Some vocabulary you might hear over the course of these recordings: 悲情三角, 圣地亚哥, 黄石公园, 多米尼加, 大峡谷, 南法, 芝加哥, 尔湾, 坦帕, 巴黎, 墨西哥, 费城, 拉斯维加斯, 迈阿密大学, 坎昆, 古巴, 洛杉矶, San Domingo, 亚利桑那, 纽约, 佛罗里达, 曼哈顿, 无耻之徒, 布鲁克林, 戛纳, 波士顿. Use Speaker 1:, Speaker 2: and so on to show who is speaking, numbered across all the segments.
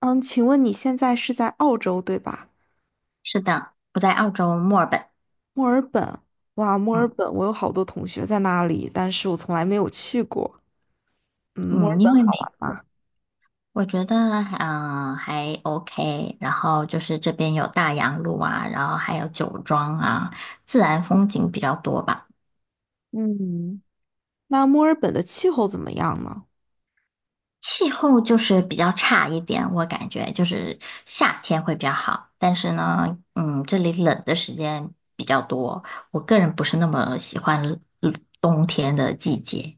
Speaker 1: 嗯，请问你现在是在澳洲对吧？
Speaker 2: 是的，我在澳洲墨尔本。
Speaker 1: 墨尔本，哇，墨尔
Speaker 2: 嗯
Speaker 1: 本，我有好多同学在那里，但是我从来没有去过。嗯，墨
Speaker 2: 嗯，
Speaker 1: 尔本
Speaker 2: 因为美，
Speaker 1: 好玩吗？
Speaker 2: 我觉得啊、还 OK，然后就是这边有大洋路啊，然后还有酒庄啊，自然风景比较多吧。
Speaker 1: 嗯，那墨尔本的气候怎么样呢？
Speaker 2: 气候就是比较差一点，我感觉就是夏天会比较好，但是呢，嗯，这里冷的时间比较多，我个人不是那么喜欢嗯冬天的季节。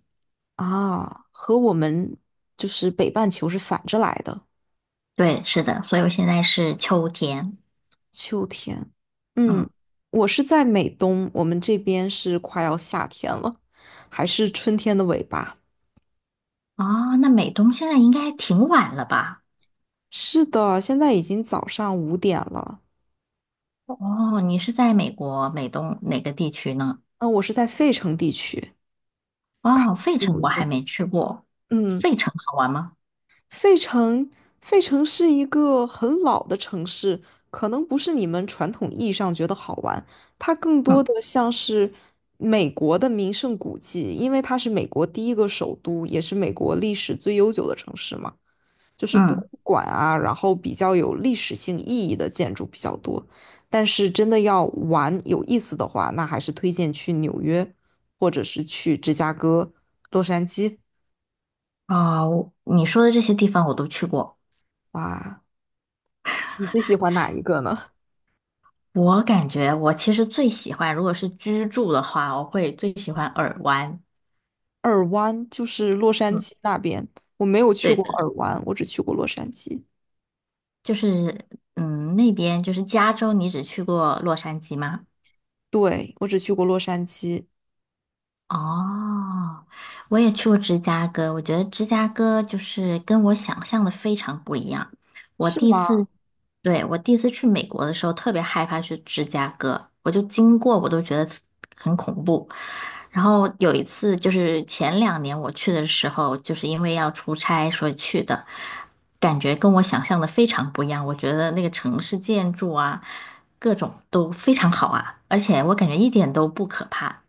Speaker 1: 啊，和我们就是北半球是反着来的，
Speaker 2: 对，是的，所以我现在是秋天。
Speaker 1: 秋天。嗯，
Speaker 2: 嗯。
Speaker 1: 我是在美东，我们这边是快要夏天了，还是春天的尾巴。
Speaker 2: 哦，那美东现在应该挺晚了吧？
Speaker 1: 是的，现在已经早上5点了。
Speaker 2: 哦，你是在美国美东哪个地区呢？
Speaker 1: 嗯，我是在费城地区，
Speaker 2: 哦，费
Speaker 1: 纽
Speaker 2: 城我还
Speaker 1: 约。
Speaker 2: 没去过，
Speaker 1: 嗯。
Speaker 2: 费城好玩吗？
Speaker 1: 费城，费城是一个很老的城市，可能不是你们传统意义上觉得好玩，它更多
Speaker 2: 嗯
Speaker 1: 的像是美国的名胜古迹，因为它是美国第一个首都，也是美国历史最悠久的城市嘛，就是博
Speaker 2: 嗯，
Speaker 1: 物馆啊，然后比较有历史性意义的建筑比较多。但是真的要玩有意思的话，那还是推荐去纽约，或者是去芝加哥、洛杉矶。
Speaker 2: 哦，你说的这些地方我都去过。
Speaker 1: 哇，你最喜欢哪一个呢？
Speaker 2: 我感觉我其实最喜欢，如果是居住的话，我会最喜欢尔湾。
Speaker 1: 尔湾就是洛杉
Speaker 2: 嗯，
Speaker 1: 矶那边，我没有去
Speaker 2: 对
Speaker 1: 过
Speaker 2: 的，
Speaker 1: 尔湾，我只去过洛杉矶。
Speaker 2: 就是那边就是加州，你只去过洛杉矶吗？
Speaker 1: 对，我只去过洛杉矶，
Speaker 2: 哦，我也去过芝加哥，我觉得芝加哥就是跟我想象的非常不一样。我
Speaker 1: 是
Speaker 2: 第一
Speaker 1: 吗？
Speaker 2: 次，对，我第一次去美国的时候，特别害怕去芝加哥，我就经过我都觉得很恐怖。然后有一次就是前两年我去的时候，就是因为要出差所以去的，感觉跟我想象的非常不一样。我觉得那个城市建筑啊，各种都非常好啊，而且我感觉一点都不可怕。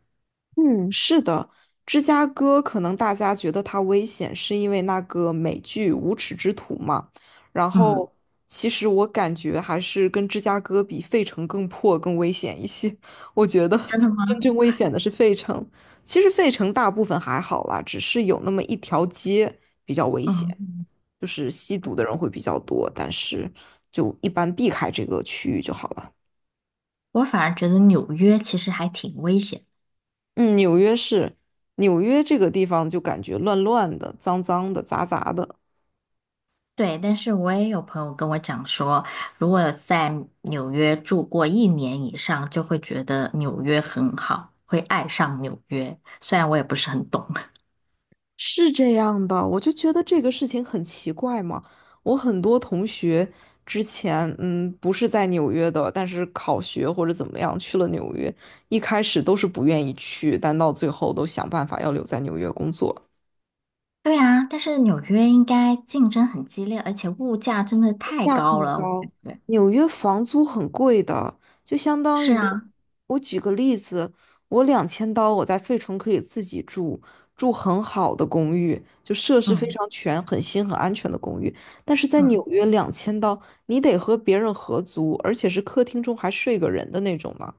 Speaker 1: 嗯，是的。芝加哥可能大家觉得它危险，是因为那个美剧《无耻之徒》嘛。然
Speaker 2: 嗯，
Speaker 1: 后，其实我感觉还是跟芝加哥比，费城更破、更危险一些。我觉得
Speaker 2: 真的
Speaker 1: 真
Speaker 2: 吗？
Speaker 1: 正危险的是费城。其实费城大部分还好啦，只是有那么一条街比较危险。
Speaker 2: 嗯，
Speaker 1: 就是吸毒的人会比较多，但是就一般避开这个区域就好了。
Speaker 2: 我反而觉得纽约其实还挺危险。
Speaker 1: 嗯，纽约是，纽约这个地方就感觉乱乱的、脏脏的、杂杂的，
Speaker 2: 对，但是我也有朋友跟我讲说，如果在纽约住过一年以上，就会觉得纽约很好，会爱上纽约。虽然我也不是很懂。
Speaker 1: 是这样的。我就觉得这个事情很奇怪嘛。我很多同学之前，嗯，不是在纽约的，但是考学或者怎么样去了纽约，一开始都是不愿意去，但到最后都想办法要留在纽约工作。
Speaker 2: 对啊，但是纽约应该竞争很激烈，而且物价真的太
Speaker 1: 价
Speaker 2: 高
Speaker 1: 很
Speaker 2: 了。我感
Speaker 1: 高，
Speaker 2: 觉
Speaker 1: 纽约房租很贵的，就相当
Speaker 2: 是
Speaker 1: 于，
Speaker 2: 啊，
Speaker 1: 我举个例子，我两千刀我在费城可以自己住，住很好的公寓，就设施非
Speaker 2: 嗯
Speaker 1: 常全、很新、很安全的公寓，但是在纽
Speaker 2: 嗯，
Speaker 1: 约两千刀，你得和别人合租，而且是客厅中还睡个人的那种呢，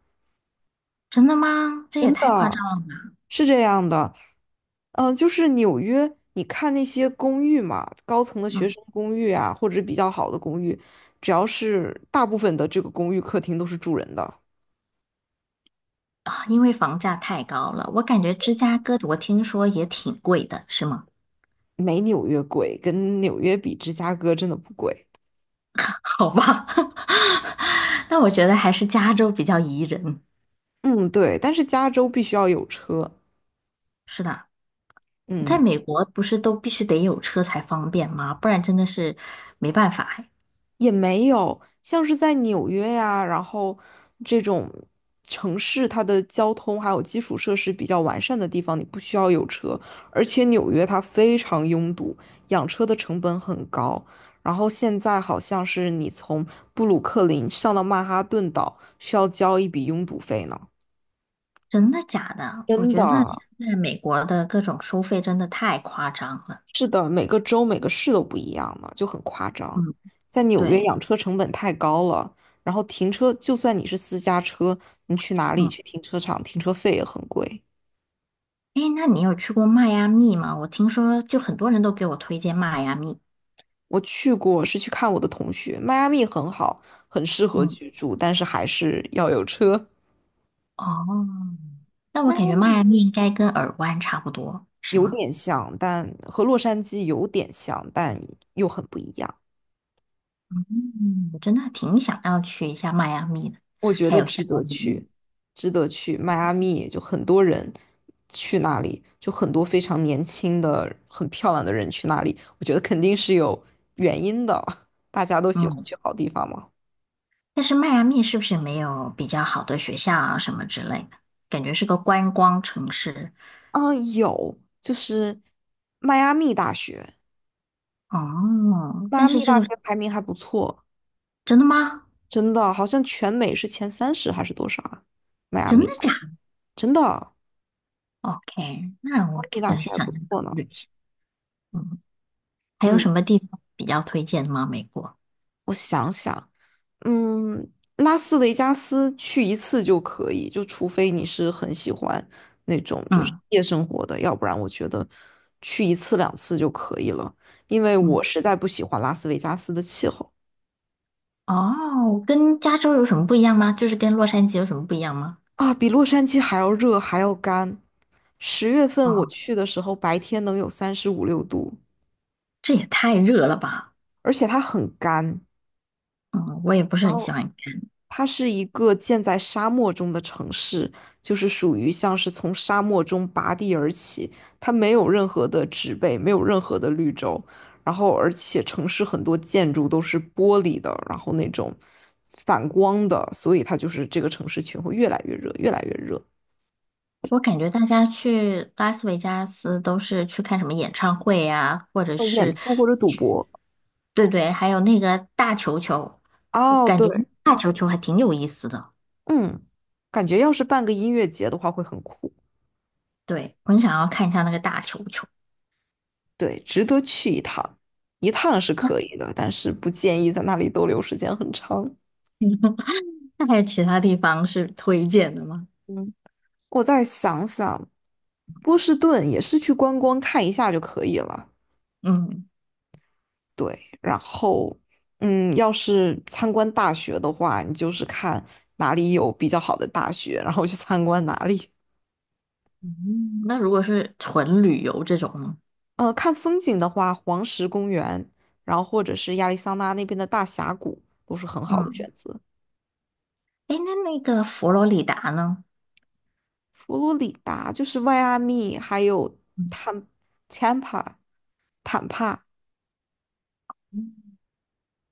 Speaker 2: 真的吗？这也
Speaker 1: 真
Speaker 2: 太夸张
Speaker 1: 的。
Speaker 2: 了吧。
Speaker 1: 是这样的，就是纽约，你看那些公寓嘛，高层的学
Speaker 2: 嗯
Speaker 1: 生公寓啊，或者比较好的公寓，只要是大部分的这个公寓客厅都是住人的，
Speaker 2: 啊，因为房价太高了，我感觉芝加哥我听说也挺贵的，是吗？
Speaker 1: 没纽约贵，跟纽约比，芝加哥真的不贵。
Speaker 2: 好吧，那我觉得还是加州比较宜人。
Speaker 1: 嗯，对，但是加州必须要有车。
Speaker 2: 是的，在
Speaker 1: 嗯。
Speaker 2: 美国不是都必须得有车才方便吗？不然真的是没办法哎
Speaker 1: 也没有，像是在纽约呀，然后这种城市，它的交通还有基础设施比较完善的地方，你不需要有车。而且纽约它非常拥堵，养车的成本很高。然后现在好像是你从布鲁克林上到曼哈顿岛，需要交一笔拥堵费呢。
Speaker 2: 真的假的？我
Speaker 1: 真
Speaker 2: 觉得现
Speaker 1: 的。
Speaker 2: 在美国的各种收费真的太夸张了。
Speaker 1: 是的，每个州每个市都不一样嘛，就很夸
Speaker 2: 嗯，
Speaker 1: 张。在纽约
Speaker 2: 对，
Speaker 1: 养车成本太高了，然后停车，就算你是私家车，你去哪里
Speaker 2: 嗯，
Speaker 1: 去停车场，停车费也很贵。
Speaker 2: 哎，那你有去过迈阿密吗？我听说就很多人都给我推荐迈阿密。
Speaker 1: 我去过，是去看我的同学，迈阿密很好，很适合
Speaker 2: 嗯，
Speaker 1: 居住，但是还是要有车。
Speaker 2: 哦，那我感觉迈阿密应该跟耳湾差不多，是
Speaker 1: 有
Speaker 2: 吗？
Speaker 1: 点像，但和洛杉矶有点像，但又很不一样。
Speaker 2: 嗯，我真的挺想要去一下迈阿密的，
Speaker 1: 我觉
Speaker 2: 还
Speaker 1: 得
Speaker 2: 有
Speaker 1: 值
Speaker 2: 夏
Speaker 1: 得
Speaker 2: 威夷。
Speaker 1: 去，值得去。迈阿密就很多人去那里，就很多非常年轻的、很漂亮的人去那里，我觉得肯定是有原因的。大家都喜欢
Speaker 2: 嗯，
Speaker 1: 去好地方嘛。
Speaker 2: 但是迈阿密是不是没有比较好的学校啊什么之类的？感觉是个观光城市。
Speaker 1: 嗯，有，就是迈阿密大学，
Speaker 2: 哦，
Speaker 1: 迈阿
Speaker 2: 但是
Speaker 1: 密
Speaker 2: 这
Speaker 1: 大
Speaker 2: 个
Speaker 1: 学排名还不错，
Speaker 2: 真的吗？
Speaker 1: 真的，好像全美是前30还是多少啊？迈阿
Speaker 2: 真
Speaker 1: 密，
Speaker 2: 的假的
Speaker 1: 真的，迈
Speaker 2: ？OK，那
Speaker 1: 阿
Speaker 2: 我
Speaker 1: 密
Speaker 2: 可
Speaker 1: 大
Speaker 2: 能
Speaker 1: 学还
Speaker 2: 想
Speaker 1: 不
Speaker 2: 要考
Speaker 1: 错呢。
Speaker 2: 虑一下。嗯，还有
Speaker 1: 嗯，
Speaker 2: 什么地方比较推荐吗？美国？
Speaker 1: 我想想，嗯，拉斯维加斯去一次就可以，就除非你是很喜欢那种就是
Speaker 2: 嗯
Speaker 1: 夜生活的，要不然我觉得去一次两次就可以了，因为我
Speaker 2: 嗯，
Speaker 1: 实在不喜欢拉斯维加斯的气候
Speaker 2: 哦，跟加州有什么不一样吗？就是跟洛杉矶有什么不一样吗？
Speaker 1: 啊，比洛杉矶还要热还要干。10月份我
Speaker 2: 哦，
Speaker 1: 去的时候，白天能有35、36度，
Speaker 2: 这也太热了吧！
Speaker 1: 而且它很干。
Speaker 2: 嗯，我也不是
Speaker 1: 然
Speaker 2: 很喜
Speaker 1: 后。
Speaker 2: 欢。
Speaker 1: 它是一个建在沙漠中的城市，就是属于像是从沙漠中拔地而起，它没有任何的植被，没有任何的绿洲，然后而且城市很多建筑都是玻璃的，然后那种反光的，所以它就是这个城市群会越来越热，越来越热。
Speaker 2: 我感觉大家去拉斯维加斯都是去看什么演唱会呀、或者是
Speaker 1: 演出或者赌
Speaker 2: 去，
Speaker 1: 博。
Speaker 2: 对对，还有那个大球球，我
Speaker 1: 哦，
Speaker 2: 感
Speaker 1: 对，
Speaker 2: 觉大球球还挺有意思的。
Speaker 1: 嗯，感觉要是办个音乐节的话会很酷，
Speaker 2: 对，我很想要看一下那个大球球。
Speaker 1: 对，值得去一趟，一趟是可以的，但是不建议在那里逗留时间很长。
Speaker 2: 那还有其他地方是推荐的吗？
Speaker 1: 嗯，我再想想，波士顿也是去观光看一下就可以了。
Speaker 2: 嗯
Speaker 1: 对，然后，嗯，要是参观大学的话，你就是看哪里有比较好的大学，然后去参观哪里。
Speaker 2: 嗯，那如果是纯旅游这种呢？
Speaker 1: 看风景的话，黄石公园，然后或者是亚利桑那那边的大峡谷都是很好的
Speaker 2: 嗯，
Speaker 1: 选择。
Speaker 2: 哎，那那个佛罗里达呢？
Speaker 1: 佛罗里达就是迈阿密，还有
Speaker 2: 嗯
Speaker 1: 坦坦帕坦帕。
Speaker 2: 嗯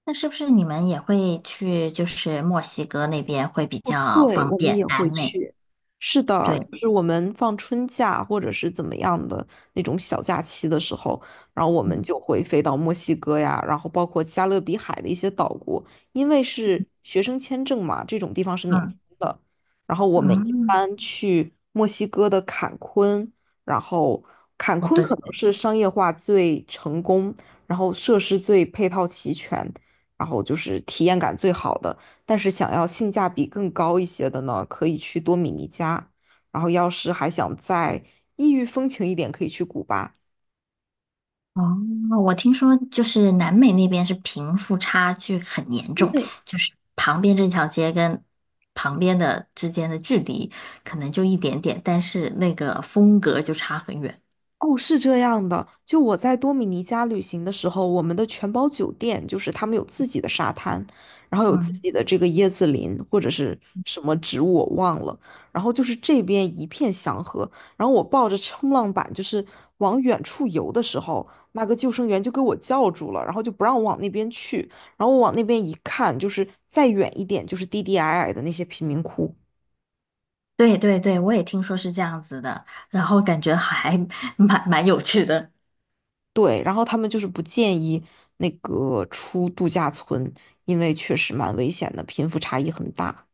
Speaker 2: 那是不是你们也会去，就是墨西哥那边会比
Speaker 1: 哦，
Speaker 2: 较
Speaker 1: 对，
Speaker 2: 方
Speaker 1: 我们
Speaker 2: 便，
Speaker 1: 也
Speaker 2: 南
Speaker 1: 会
Speaker 2: 美？
Speaker 1: 去。是的，
Speaker 2: 对，
Speaker 1: 就是我们放春假或者是怎么样的那种小假期的时候，然后我们
Speaker 2: 嗯
Speaker 1: 就会飞到墨西哥呀，然后包括加勒比海的一些岛国，因为是学生签证嘛，这种地方是免签
Speaker 2: 嗯
Speaker 1: 的。然后我们一
Speaker 2: 嗯，
Speaker 1: 般去墨西哥的坎昆，然后坎
Speaker 2: 哦
Speaker 1: 昆
Speaker 2: 对
Speaker 1: 可
Speaker 2: 对
Speaker 1: 能
Speaker 2: 对，
Speaker 1: 是商业化最成功，然后设施最配套齐全，然后就是体验感最好的。但是想要性价比更高一些的呢，可以去多米尼加。然后要是还想再异域风情一点，可以去古巴。
Speaker 2: 哦，我听说就是南美那边是贫富差距很严重，就是旁边这条街跟旁边的之间的距离可能就一点点，但是那个风格就差很远。
Speaker 1: 哦，是这样的。就我在多米尼加旅行的时候，我们的全包酒店就是他们有自己的沙滩，然后有自
Speaker 2: 嗯，
Speaker 1: 己的这个椰子林或者是什么植物我忘了，然后就是这边一片祥和。然后我抱着冲浪板就是往远处游的时候，那个救生员就给我叫住了，然后就不让我往那边去。然后我往那边一看，就是再远一点就是低低矮矮的那些贫民窟，
Speaker 2: 对对对，我也听说是这样子的，然后感觉还 蛮有趣的。
Speaker 1: 对，然后他们就是不建议那个出度假村，因为确实蛮危险的，贫富差异很大。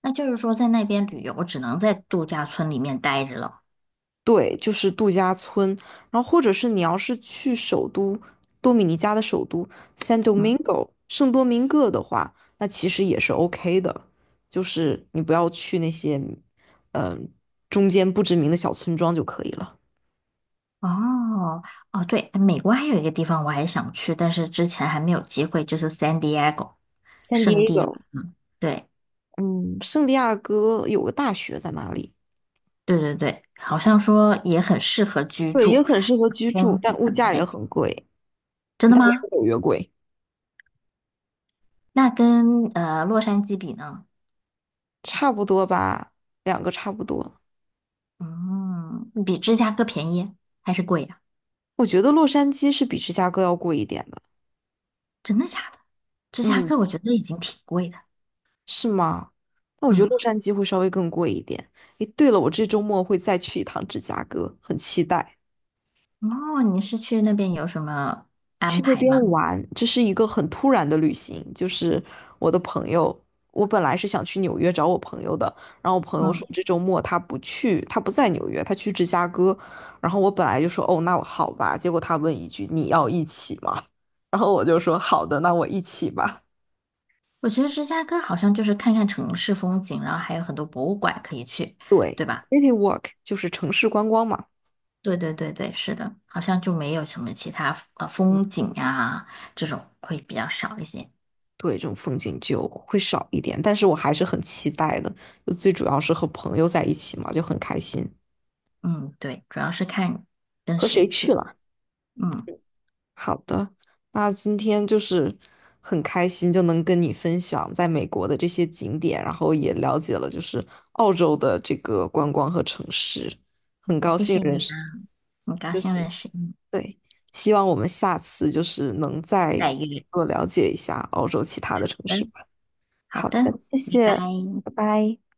Speaker 2: 那就是说，在那边旅游只能在度假村里面待着了。
Speaker 1: 对，就是度假村，然后或者是你要是去首都多米尼加的首都 San
Speaker 2: 嗯，
Speaker 1: Domingo 圣多明各的话，那其实也是 OK 的，就是你不要去那些嗯、中间不知名的小村庄就可以了。
Speaker 2: 哦，哦，对，美国还有一个地方我还想去，但是之前还没有机会，就是 San Diego
Speaker 1: San
Speaker 2: 圣
Speaker 1: d
Speaker 2: 地亚哥。对，
Speaker 1: 嗯，圣地亚哥有个大学在那里，
Speaker 2: 对对对，好像说也很适合居
Speaker 1: 对，也
Speaker 2: 住，
Speaker 1: 很适合居住，
Speaker 2: 风
Speaker 1: 但
Speaker 2: 景
Speaker 1: 物
Speaker 2: 很
Speaker 1: 价也
Speaker 2: 美。
Speaker 1: 很贵。
Speaker 2: 真的
Speaker 1: 但没有
Speaker 2: 吗？
Speaker 1: 纽约贵，
Speaker 2: 那跟洛杉矶比呢？
Speaker 1: 差不多吧，两个差不多。
Speaker 2: 嗯，比芝加哥便宜还是贵呀？
Speaker 1: 我觉得洛杉矶是比芝加哥要贵一点的，
Speaker 2: 真的假的？芝加
Speaker 1: 嗯，
Speaker 2: 哥我觉得已经挺贵的。
Speaker 1: 是吗？那我觉得
Speaker 2: 嗯，
Speaker 1: 洛杉矶会稍微更贵一点。诶，对了，我这周末会再去一趟芝加哥，很期待。
Speaker 2: 哦，你是去那边有什么安
Speaker 1: 去那
Speaker 2: 排
Speaker 1: 边
Speaker 2: 吗？
Speaker 1: 玩，这是一个很突然的旅行。就是我的朋友，我本来是想去纽约找我朋友的，然后我朋友
Speaker 2: 嗯。
Speaker 1: 说这周末他不去，他不在纽约，他去芝加哥。然后我本来就说哦，那我好吧。结果他问一句你要一起吗？然后我就说好的，那我一起吧。
Speaker 2: 我觉得芝加哥好像就是看看城市风景，然后还有很多博物馆可以去，
Speaker 1: 对
Speaker 2: 对吧？
Speaker 1: ，city walk 就是城市观光嘛，
Speaker 2: 对对对对，是的，好像就没有什么其他风景啊这种会比较少一些。
Speaker 1: 对，这种风景就会少一点，但是我还是很期待的。就最主要是和朋友在一起嘛，就很开心。
Speaker 2: 嗯，对，主要是看跟
Speaker 1: 和
Speaker 2: 谁
Speaker 1: 谁去
Speaker 2: 去。
Speaker 1: 了？
Speaker 2: 嗯，
Speaker 1: 好的，那今天就是很开心，就能跟你分享在美国的这些景点，然后也了解了就是澳洲的这个观光和城市，
Speaker 2: 谢谢你啊，很高
Speaker 1: 就
Speaker 2: 兴
Speaker 1: 是
Speaker 2: 认识你，
Speaker 1: 对，希望我们下次就是能再
Speaker 2: 再约。
Speaker 1: 多了解一下澳洲其他的城市
Speaker 2: 嗯，
Speaker 1: 吧。
Speaker 2: 好
Speaker 1: 好
Speaker 2: 的，
Speaker 1: 的，谢
Speaker 2: 拜拜。
Speaker 1: 谢，拜拜。